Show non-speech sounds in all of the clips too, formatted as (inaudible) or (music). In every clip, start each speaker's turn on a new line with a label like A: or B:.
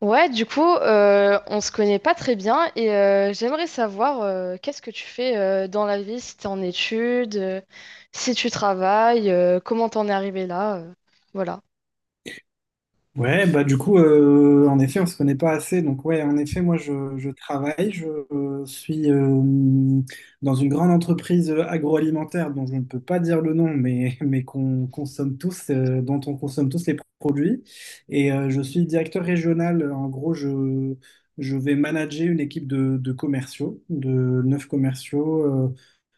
A: Ouais, du coup, on se connaît pas très bien, et j'aimerais savoir qu'est-ce que tu fais dans la vie, si t'es en études, si tu travailles, comment t'en es arrivé là, voilà.
B: En effet, on se connaît pas assez. Donc moi, je travaille, je suis dans une grande entreprise agroalimentaire dont je ne peux pas dire le nom, mais, (laughs) mais qu'on consomme tous, dont on consomme tous les produits. Et je suis directeur régional. En gros, je vais manager une équipe de commerciaux, de neuf commerciaux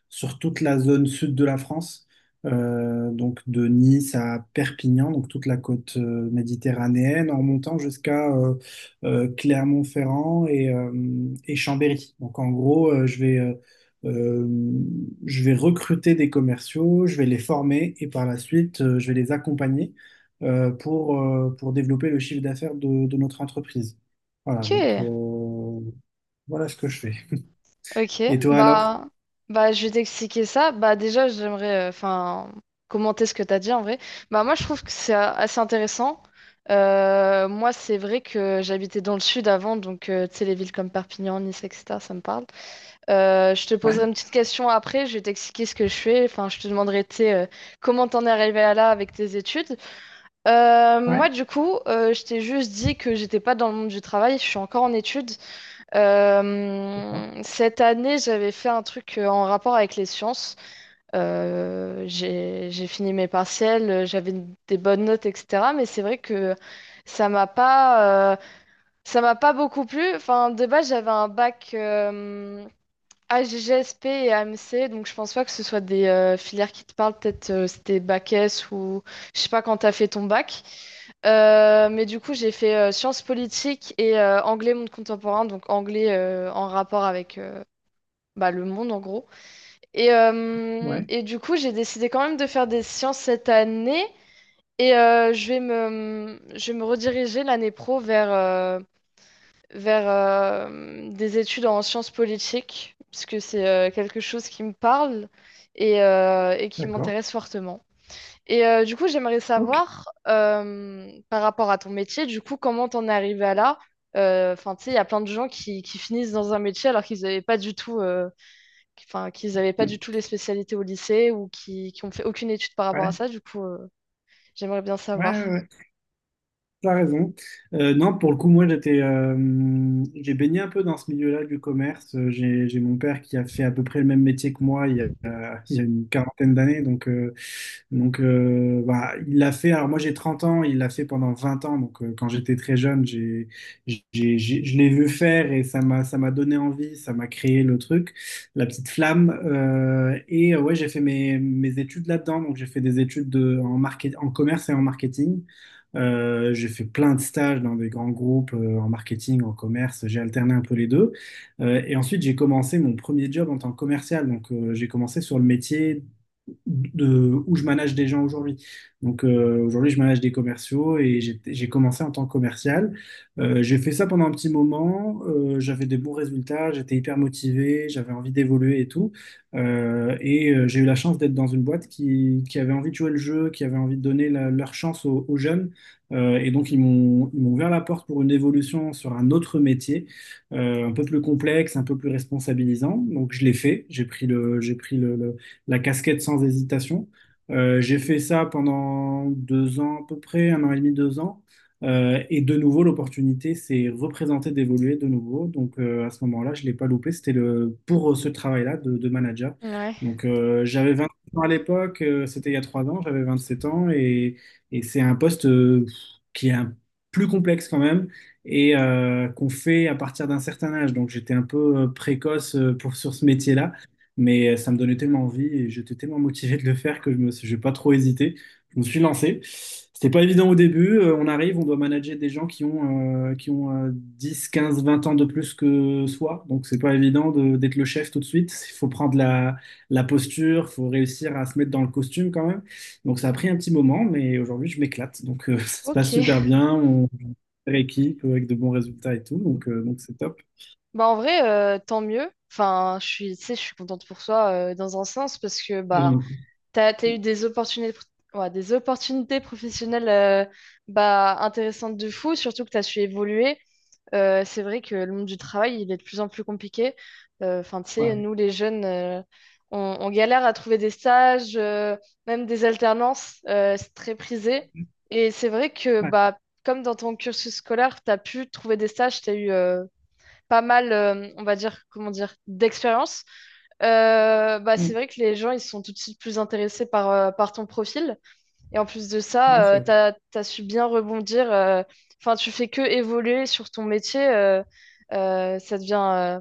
B: sur toute la zone sud de la France, donc de Nice à Perpignan, donc toute la côte méditerranéenne, en montant jusqu'à Clermont-Ferrand et Chambéry. Donc en gros, euh, je vais recruter des commerciaux, je vais les former et par la suite, je vais les accompagner pour développer le chiffre d'affaires de notre entreprise. Voilà,
A: Ok,
B: voilà ce que je fais.
A: ok,
B: Et toi alors?
A: bah, bah je vais t'expliquer ça. Bah déjà, j'aimerais, enfin, commenter ce que t'as dit en vrai. Bah moi, je trouve que c'est assez intéressant. Moi, c'est vrai que j'habitais dans le sud avant, donc tu sais, les villes comme Perpignan, Nice, etc. Ça me parle. Je te poserai
B: Ouais,
A: une petite question après, je vais t'expliquer ce que je fais. Enfin, je te demanderai, tu sais, comment t'en es arrivé à là avec tes études.
B: ouais,
A: Moi, du coup, je t'ai juste dit que j'étais pas dans le monde du travail, je suis encore en études.
B: d'accord,
A: Cette année, j'avais fait un truc en rapport avec les sciences. J'ai fini mes partiels, j'avais des bonnes notes, etc. Mais c'est vrai que ça m'a pas, euh, ça m'a pas beaucoup plu. Enfin, de base, j'avais un bac, GGSP et AMC, donc je pense pas que ce soit des filières qui te parlent, peut-être c'était bac S ou je sais pas quand t'as fait ton bac. Mais du coup, j'ai fait sciences politiques et anglais monde contemporain, donc anglais en rapport avec bah, le monde en gros. Et, euh,
B: ouais.
A: et du coup, j'ai décidé quand même de faire des sciences cette année, et je vais me rediriger l'année pro vers, des études en sciences politiques, puisque c'est quelque chose qui me parle et qui
B: D'accord.
A: m'intéresse fortement. Et du coup, j'aimerais
B: Ok.
A: savoir, par rapport à ton métier, du coup, comment t'en es arrivé à là? Enfin, tu sais, il y a plein de gens qui finissent dans un métier alors qu'ils avaient pas
B: Ouais,
A: du tout les spécialités au lycée, ou qui ont fait aucune étude par rapport à
B: ouais,
A: ça. Du coup, j'aimerais bien
B: ouais,
A: savoir.
B: ouais. T'as raison. Non, pour le coup, moi, j'ai baigné un peu dans ce milieu-là du commerce. J'ai mon père qui a fait à peu près le même métier que moi il y a une quarantaine d'années, donc il l'a fait. Alors, moi, j'ai 30 ans, il l'a fait pendant 20 ans. Donc, quand j'étais très jeune, j'ai- je l'ai vu faire et ça m'a donné envie, ça m'a créé le truc, la petite flamme. Ouais, j'ai fait mes études là-dedans. Donc, j'ai fait des études en market, en commerce et en marketing. J'ai fait plein de stages dans des grands groupes en marketing, en commerce. J'ai alterné un peu les deux. Et ensuite, j'ai commencé mon premier job en tant que commercial. Donc, j'ai commencé sur le métier de où je manage des gens aujourd'hui. Aujourd'hui, je manage des commerciaux et j'ai commencé en tant que commercial. J'ai fait ça pendant un petit moment. J'avais des bons résultats, j'étais hyper motivé, j'avais envie d'évoluer et tout. J'ai eu la chance d'être dans une boîte qui avait envie de jouer le jeu, qui avait envie de donner leur chance aux jeunes. Et donc, ils m'ont ouvert la porte pour une évolution sur un autre métier, un peu plus complexe, un peu plus responsabilisant. Donc, je l'ai fait. J'ai pris la casquette sans hésitation. J'ai fait ça pendant deux ans à peu près, un an et demi, deux ans. Et de nouveau, l'opportunité s'est représentée d'évoluer de nouveau. Donc, à ce moment-là, je ne l'ai pas loupé. C'était le, pour ce travail-là de manager.
A: Ouais.
B: Donc, j'avais 20 ans à l'époque, c'était il y a trois ans, j'avais 27 ans et. Et c'est un poste qui est un- plus complexe quand même et qu'on fait à partir d'un certain âge. Donc j'étais un peu précoce pour, sur ce métier-là, mais ça me donnait tellement envie et j'étais tellement motivé de le faire que j'ai pas trop hésité. Je me suis lancé. C'était pas évident au début. On arrive, on doit manager des gens qui ont 10, 15, 20 ans de plus que soi. Donc c'est pas évident de- d'être le chef tout de suite. Il faut prendre la posture, il faut réussir à se mettre dans le costume quand même. Donc ça a pris un petit moment, mais aujourd'hui je m'éclate. (laughs) Ça se
A: Ok.
B: passe super bien, on équipe avec de bons résultats et tout, donc c'est top.
A: Bah en vrai, tant mieux. Enfin, je suis, tu sais, je suis contente pour toi, dans un sens, parce que
B: Et
A: bah
B: donc,
A: t'as eu des opportunités, ouais, des opportunités professionnelles, bah, intéressantes de fou, surtout que t'as su évoluer. C'est vrai que le monde du travail, il est de plus en plus compliqué. Enfin, tu sais,
B: ouais,
A: nous les jeunes, on galère à trouver des stages, même des alternances, c'est très prisé. Et c'est vrai que
B: ouais,
A: bah, comme dans ton cursus scolaire, t'as pu trouver des stages, t'as eu pas mal, on va dire, comment dire, d'expérience, bah, c'est
B: mm,
A: vrai que les gens, ils sont tout de suite plus intéressés par ton profil. Et en plus de
B: ouais, c'est
A: ça, tu
B: vrai.
A: as, t'as su bien rebondir. Enfin, tu fais que évoluer sur ton métier. Ça devient...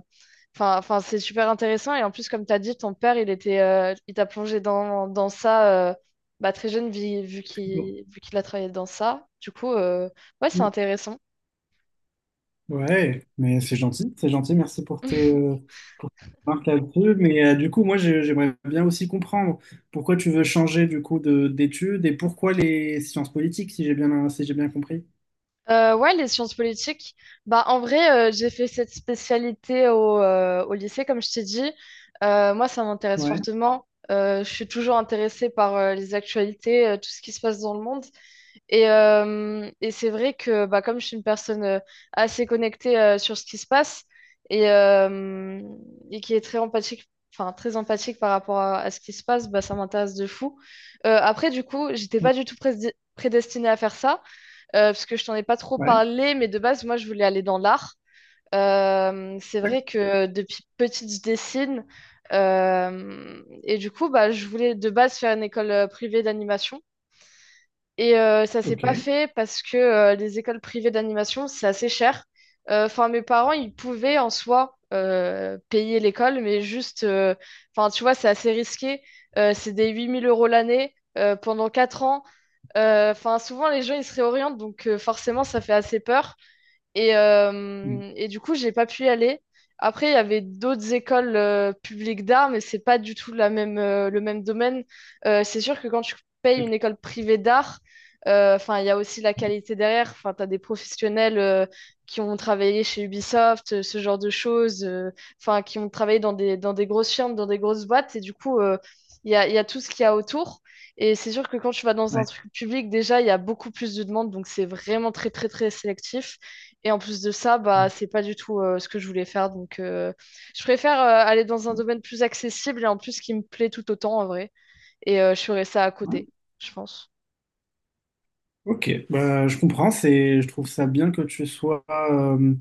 A: Enfin, c'est super intéressant. Et en plus, comme tu as dit, ton père, il t'a plongé dans ça, bah, très jeune, vu qu'il a travaillé dans ça. Du coup, ouais, c'est
B: Mm.
A: intéressant.
B: Ouais, mais c'est gentil, c'est gentil. Merci
A: (laughs)
B: pour tes remarques là-dessus. Mais du coup, moi j'aimerais bien aussi comprendre pourquoi tu veux changer du coup de d'études et pourquoi les sciences politiques, si j'ai bien si j'ai bien compris.
A: Ouais, les sciences politiques. Bah, en vrai, j'ai fait cette spécialité au lycée, comme je t'ai dit. Moi, ça m'intéresse
B: Ouais,
A: fortement. Je suis toujours intéressée par les actualités, tout ce qui se passe dans le monde. Et c'est vrai que bah, comme je suis une personne assez connectée sur ce qui se passe et, euh, et qui est très empathique, enfin très empathique par rapport à ce qui se passe, bah, ça m'intéresse de fou. Après, du coup, j'étais
B: ouais,
A: pas du tout prédestinée à faire ça, parce que je t'en ai pas trop
B: ouais,
A: parlé, mais de base, moi, je voulais aller dans l'art. C'est
B: d'accord,
A: vrai que depuis petite, je dessine. Et du coup, bah, je voulais de base faire une école privée d'animation. Et ça s'est
B: ok.
A: pas fait, parce que les écoles privées d'animation, c'est assez cher. Enfin, mes parents, ils pouvaient en soi, payer l'école, mais juste, enfin, tu vois, c'est assez risqué. C'est des 8 000 euros l'année, pendant 4 ans. Enfin, souvent, les gens, ils se réorientent, donc forcément, ça fait assez peur. Et,
B: Mm,
A: euh, et du coup, j'ai pas pu y aller. Après, il y avait d'autres écoles publiques d'art, mais c'est pas du tout la même, le même domaine. C'est sûr que quand tu payes
B: d'accord,
A: une école privée d'art, enfin, il y a aussi la qualité derrière. Enfin, tu as des professionnels qui ont travaillé chez Ubisoft, ce genre de choses, enfin, qui ont travaillé dans des grosses firmes, dans des grosses boîtes. Et du coup, il y a tout ce qu'il y a autour. Et c'est sûr que quand tu vas dans un
B: ouais,
A: truc public, déjà, il y a beaucoup plus de demandes, donc c'est vraiment très, très, très sélectif. Et en plus de ça, bah, c'est pas du tout ce que je voulais faire. Donc, je préfère aller dans un
B: ouais,
A: domaine plus accessible et en plus qui me plaît tout autant en vrai. Et je ferai ça à
B: ouais.
A: côté, je pense.
B: Ok, bah, je comprends, c'est, je trouve ça bien que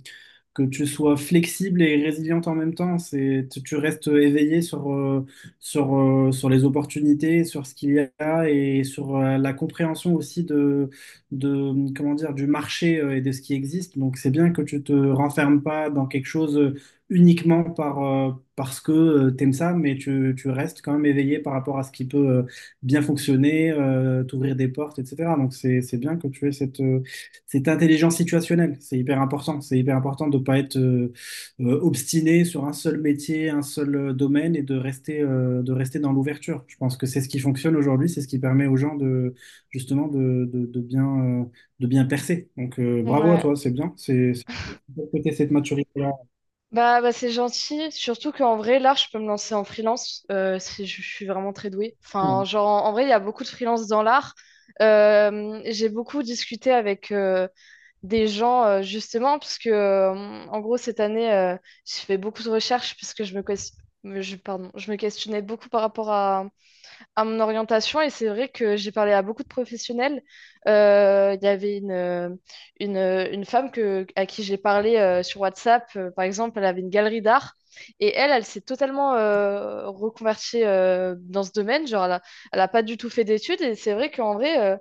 B: que tu sois flexible et résiliente en même temps. C'est, tu restes éveillé sur les opportunités, sur ce qu'il y a et sur la compréhension aussi de comment dire, du marché et de ce qui existe. Donc, c'est bien que tu te renfermes pas dans quelque chose uniquement par, parce que tu aimes ça, mais tu restes quand même éveillé par rapport à ce qui peut bien fonctionner, t'ouvrir des portes, etc. Donc, c'est bien que tu aies c'est intelligence situationnelle, c'est hyper important. C'est hyper important de ne pas être obstiné sur un seul métier, un seul domaine et de rester dans l'ouverture. Je pense que c'est ce qui fonctionne aujourd'hui, c'est ce qui permet aux gens de justement de bien percer. Bravo à
A: Ouais.
B: toi, c'est bien. Faut cette maturité-là.
A: Bah c'est gentil. Surtout qu'en vrai, là, je peux me lancer en freelance, si je suis vraiment très douée. Enfin,
B: Ouais.
A: genre, en vrai, il y a beaucoup de freelance dans l'art. J'ai beaucoup discuté avec, des gens, justement, parce que, en gros, cette année, j'ai fait beaucoup de recherches, parce que je me questionnais beaucoup par rapport à mon orientation, et c'est vrai que j'ai parlé à beaucoup de professionnels. Il y avait une femme à qui j'ai parlé sur WhatsApp, par exemple, elle avait une galerie d'art, et elle s'est totalement reconvertie dans ce domaine. Genre, elle a pas du tout fait d'études, et c'est vrai qu'en vrai,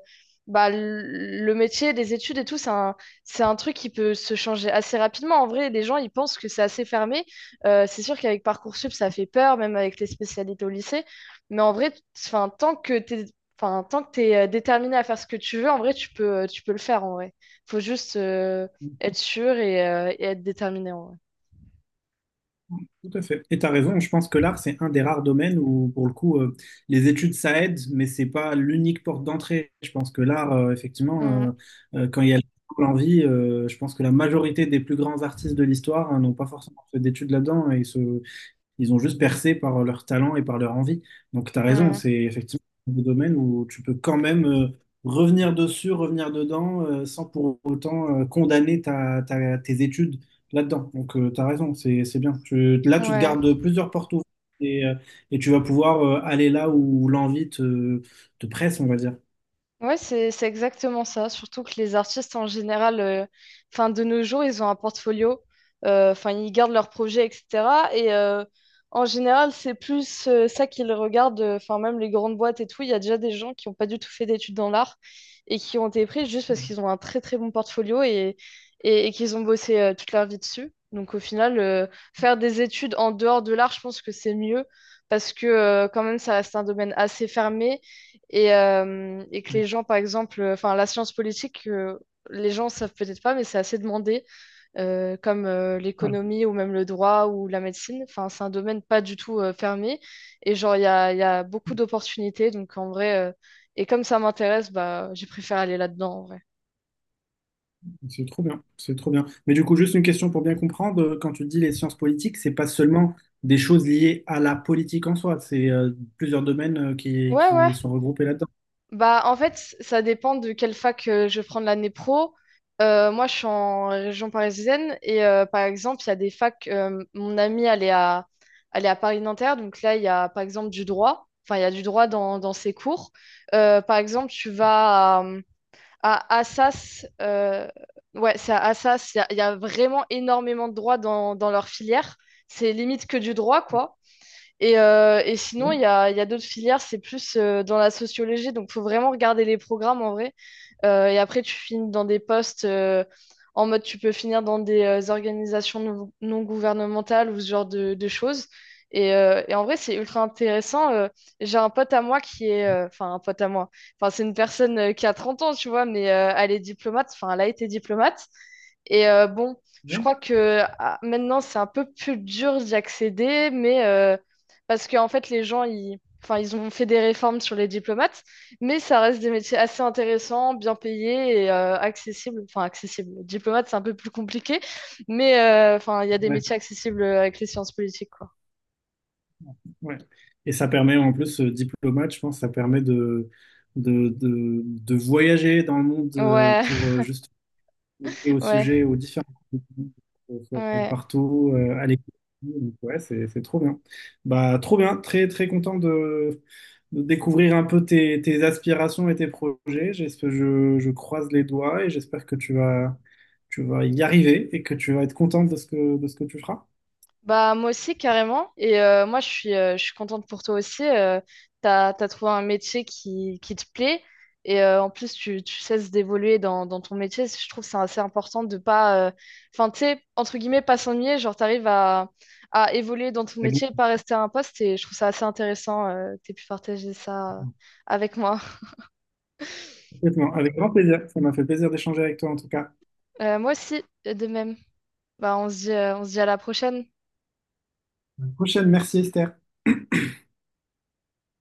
A: bah, le métier des études et tout, c'est un truc qui peut se changer assez rapidement. En vrai, les gens, ils pensent que c'est assez fermé. C'est sûr qu'avec Parcoursup, ça fait peur, même avec les spécialités au lycée. Mais en vrai, enfin, tant que t'es déterminé à faire ce que tu veux, en vrai, tu peux le faire, en vrai. Faut juste être sûr et être déterminé, en vrai.
B: Tout à fait. Et tu as raison, je pense que l'art, c'est un des rares domaines où, pour le coup, les études, ça aide, mais c'est pas l'unique porte d'entrée. Je pense que l'art, effectivement, quand il y a l'envie, je pense que la majorité des plus grands artistes de l'histoire, hein, n'ont pas forcément fait d'études là-dedans et ils ont juste percé par leur talent et par leur envie. Donc, tu as
A: Mm,
B: raison, c'est
A: ouais,
B: effectivement un domaine où tu peux quand même revenir dessus, revenir dedans, sans pour autant condamner tes études là-dedans. Donc, tu as raison, c'est bien. Là, tu te
A: ouais.
B: gardes plusieurs portes ouvertes et, euh, et tu vas pouvoir aller là où te presse, on va dire.
A: Ouais, c'est exactement ça. Surtout que les artistes en général, enfin, de nos jours, ils ont un portfolio. Enfin, ils gardent leurs projets, etc. Et en général, c'est plus ça qu'ils regardent. Enfin, même les grandes boîtes et tout, il y a déjà des gens qui n'ont pas du tout fait d'études dans l'art, et qui ont été pris juste parce qu'ils ont un très très bon portfolio, et qu'ils ont bossé toute leur vie dessus. Donc au final, faire des études en dehors de l'art, je pense que c'est mieux, parce que quand même, ça reste un domaine assez fermé, et que
B: Ouais.
A: les gens, par exemple, enfin, la science politique, les gens savent peut-être pas, mais c'est assez demandé, comme
B: Ouais.
A: l'économie, ou même le droit ou la médecine. Enfin, c'est un domaine pas du tout fermé. Et genre, il y a beaucoup d'opportunités. Donc, en vrai, et comme ça m'intéresse, bah, j'ai préféré aller là-dedans, en vrai.
B: C'est trop bien, c'est trop bien. Mais du coup, juste une question pour bien comprendre, quand tu dis les sciences politiques, c'est pas seulement des choses liées à la politique en soi, c'est plusieurs domaines
A: Ouais, ouais.
B: qui sont regroupés là-dedans.
A: Bah, en fait, ça dépend de quelle fac je vais prendre l'année pro. Moi, je suis en région parisienne, et par exemple, il y a des facs. Mon amie, elle est à Paris-Nanterre. Donc là, il y a par exemple du droit. Enfin, il y a du droit dans ses cours. Par exemple, tu vas à Assas. Ouais, c'est à Assas. Il y a vraiment énormément de droit dans leur filière. C'est limite que du droit, quoi. Et sinon, il
B: Oui,
A: y a, il y a d'autres filières, c'est plus dans la sociologie, donc faut vraiment regarder les programmes en vrai. Et après, tu finis dans des postes, en mode tu peux finir dans des organisations non gouvernementales, ou ce genre de choses. Et en vrai, c'est ultra intéressant. J'ai un pote à moi qui est, enfin, un pote à moi. Enfin, c'est une personne qui a 30 ans, tu vois, mais elle est diplomate. Enfin, elle a été diplomate. Et bon, je
B: oui,
A: crois que maintenant, c'est un peu plus dur d'y accéder, mais parce qu'en fait, les gens, enfin, ils ont fait des réformes sur les diplomates. Mais ça reste des métiers assez intéressants, bien payés et accessibles. Enfin, accessibles. Diplomate, c'est un peu plus compliqué, mais enfin, il y a des métiers
B: ouais,
A: accessibles avec les sciences politiques, quoi.
B: ouais. Et ça permet en plus, diplomate, je pense, ça permet de voyager dans le monde
A: Ouais,
B: pour justement et au
A: (laughs) ouais,
B: sujet, aux différents contenus, faut
A: ouais.
B: partout, à l'école Donc, Ouais, c'est trop bien. Bah, trop bien, très très content de découvrir un peu tes aspirations et tes projets. J'espère, je croise les doigts et j'espère que tu vas y arriver et que tu vas être contente de ce de ce que tu feras.
A: Bah, moi aussi, carrément. Et moi, je suis, je suis contente pour toi aussi. T'as trouvé un métier qui te plaît. Et en plus, tu cesses d'évoluer dans ton métier. Je trouve que c'est assez important de pas. Enfin, tu sais, entre guillemets, pas s'ennuyer. Genre, t'arrives à évoluer dans ton
B: Avec,
A: métier, pas rester à un poste. Et je trouve ça assez intéressant, que t'aies pu partager ça, avec moi.
B: Complètement. Avec grand plaisir. Ça m'a fait plaisir d'échanger avec toi en tout cas.
A: Moi aussi, de même. Bah, on se dit à la prochaine.
B: À la prochaine. Merci Esther.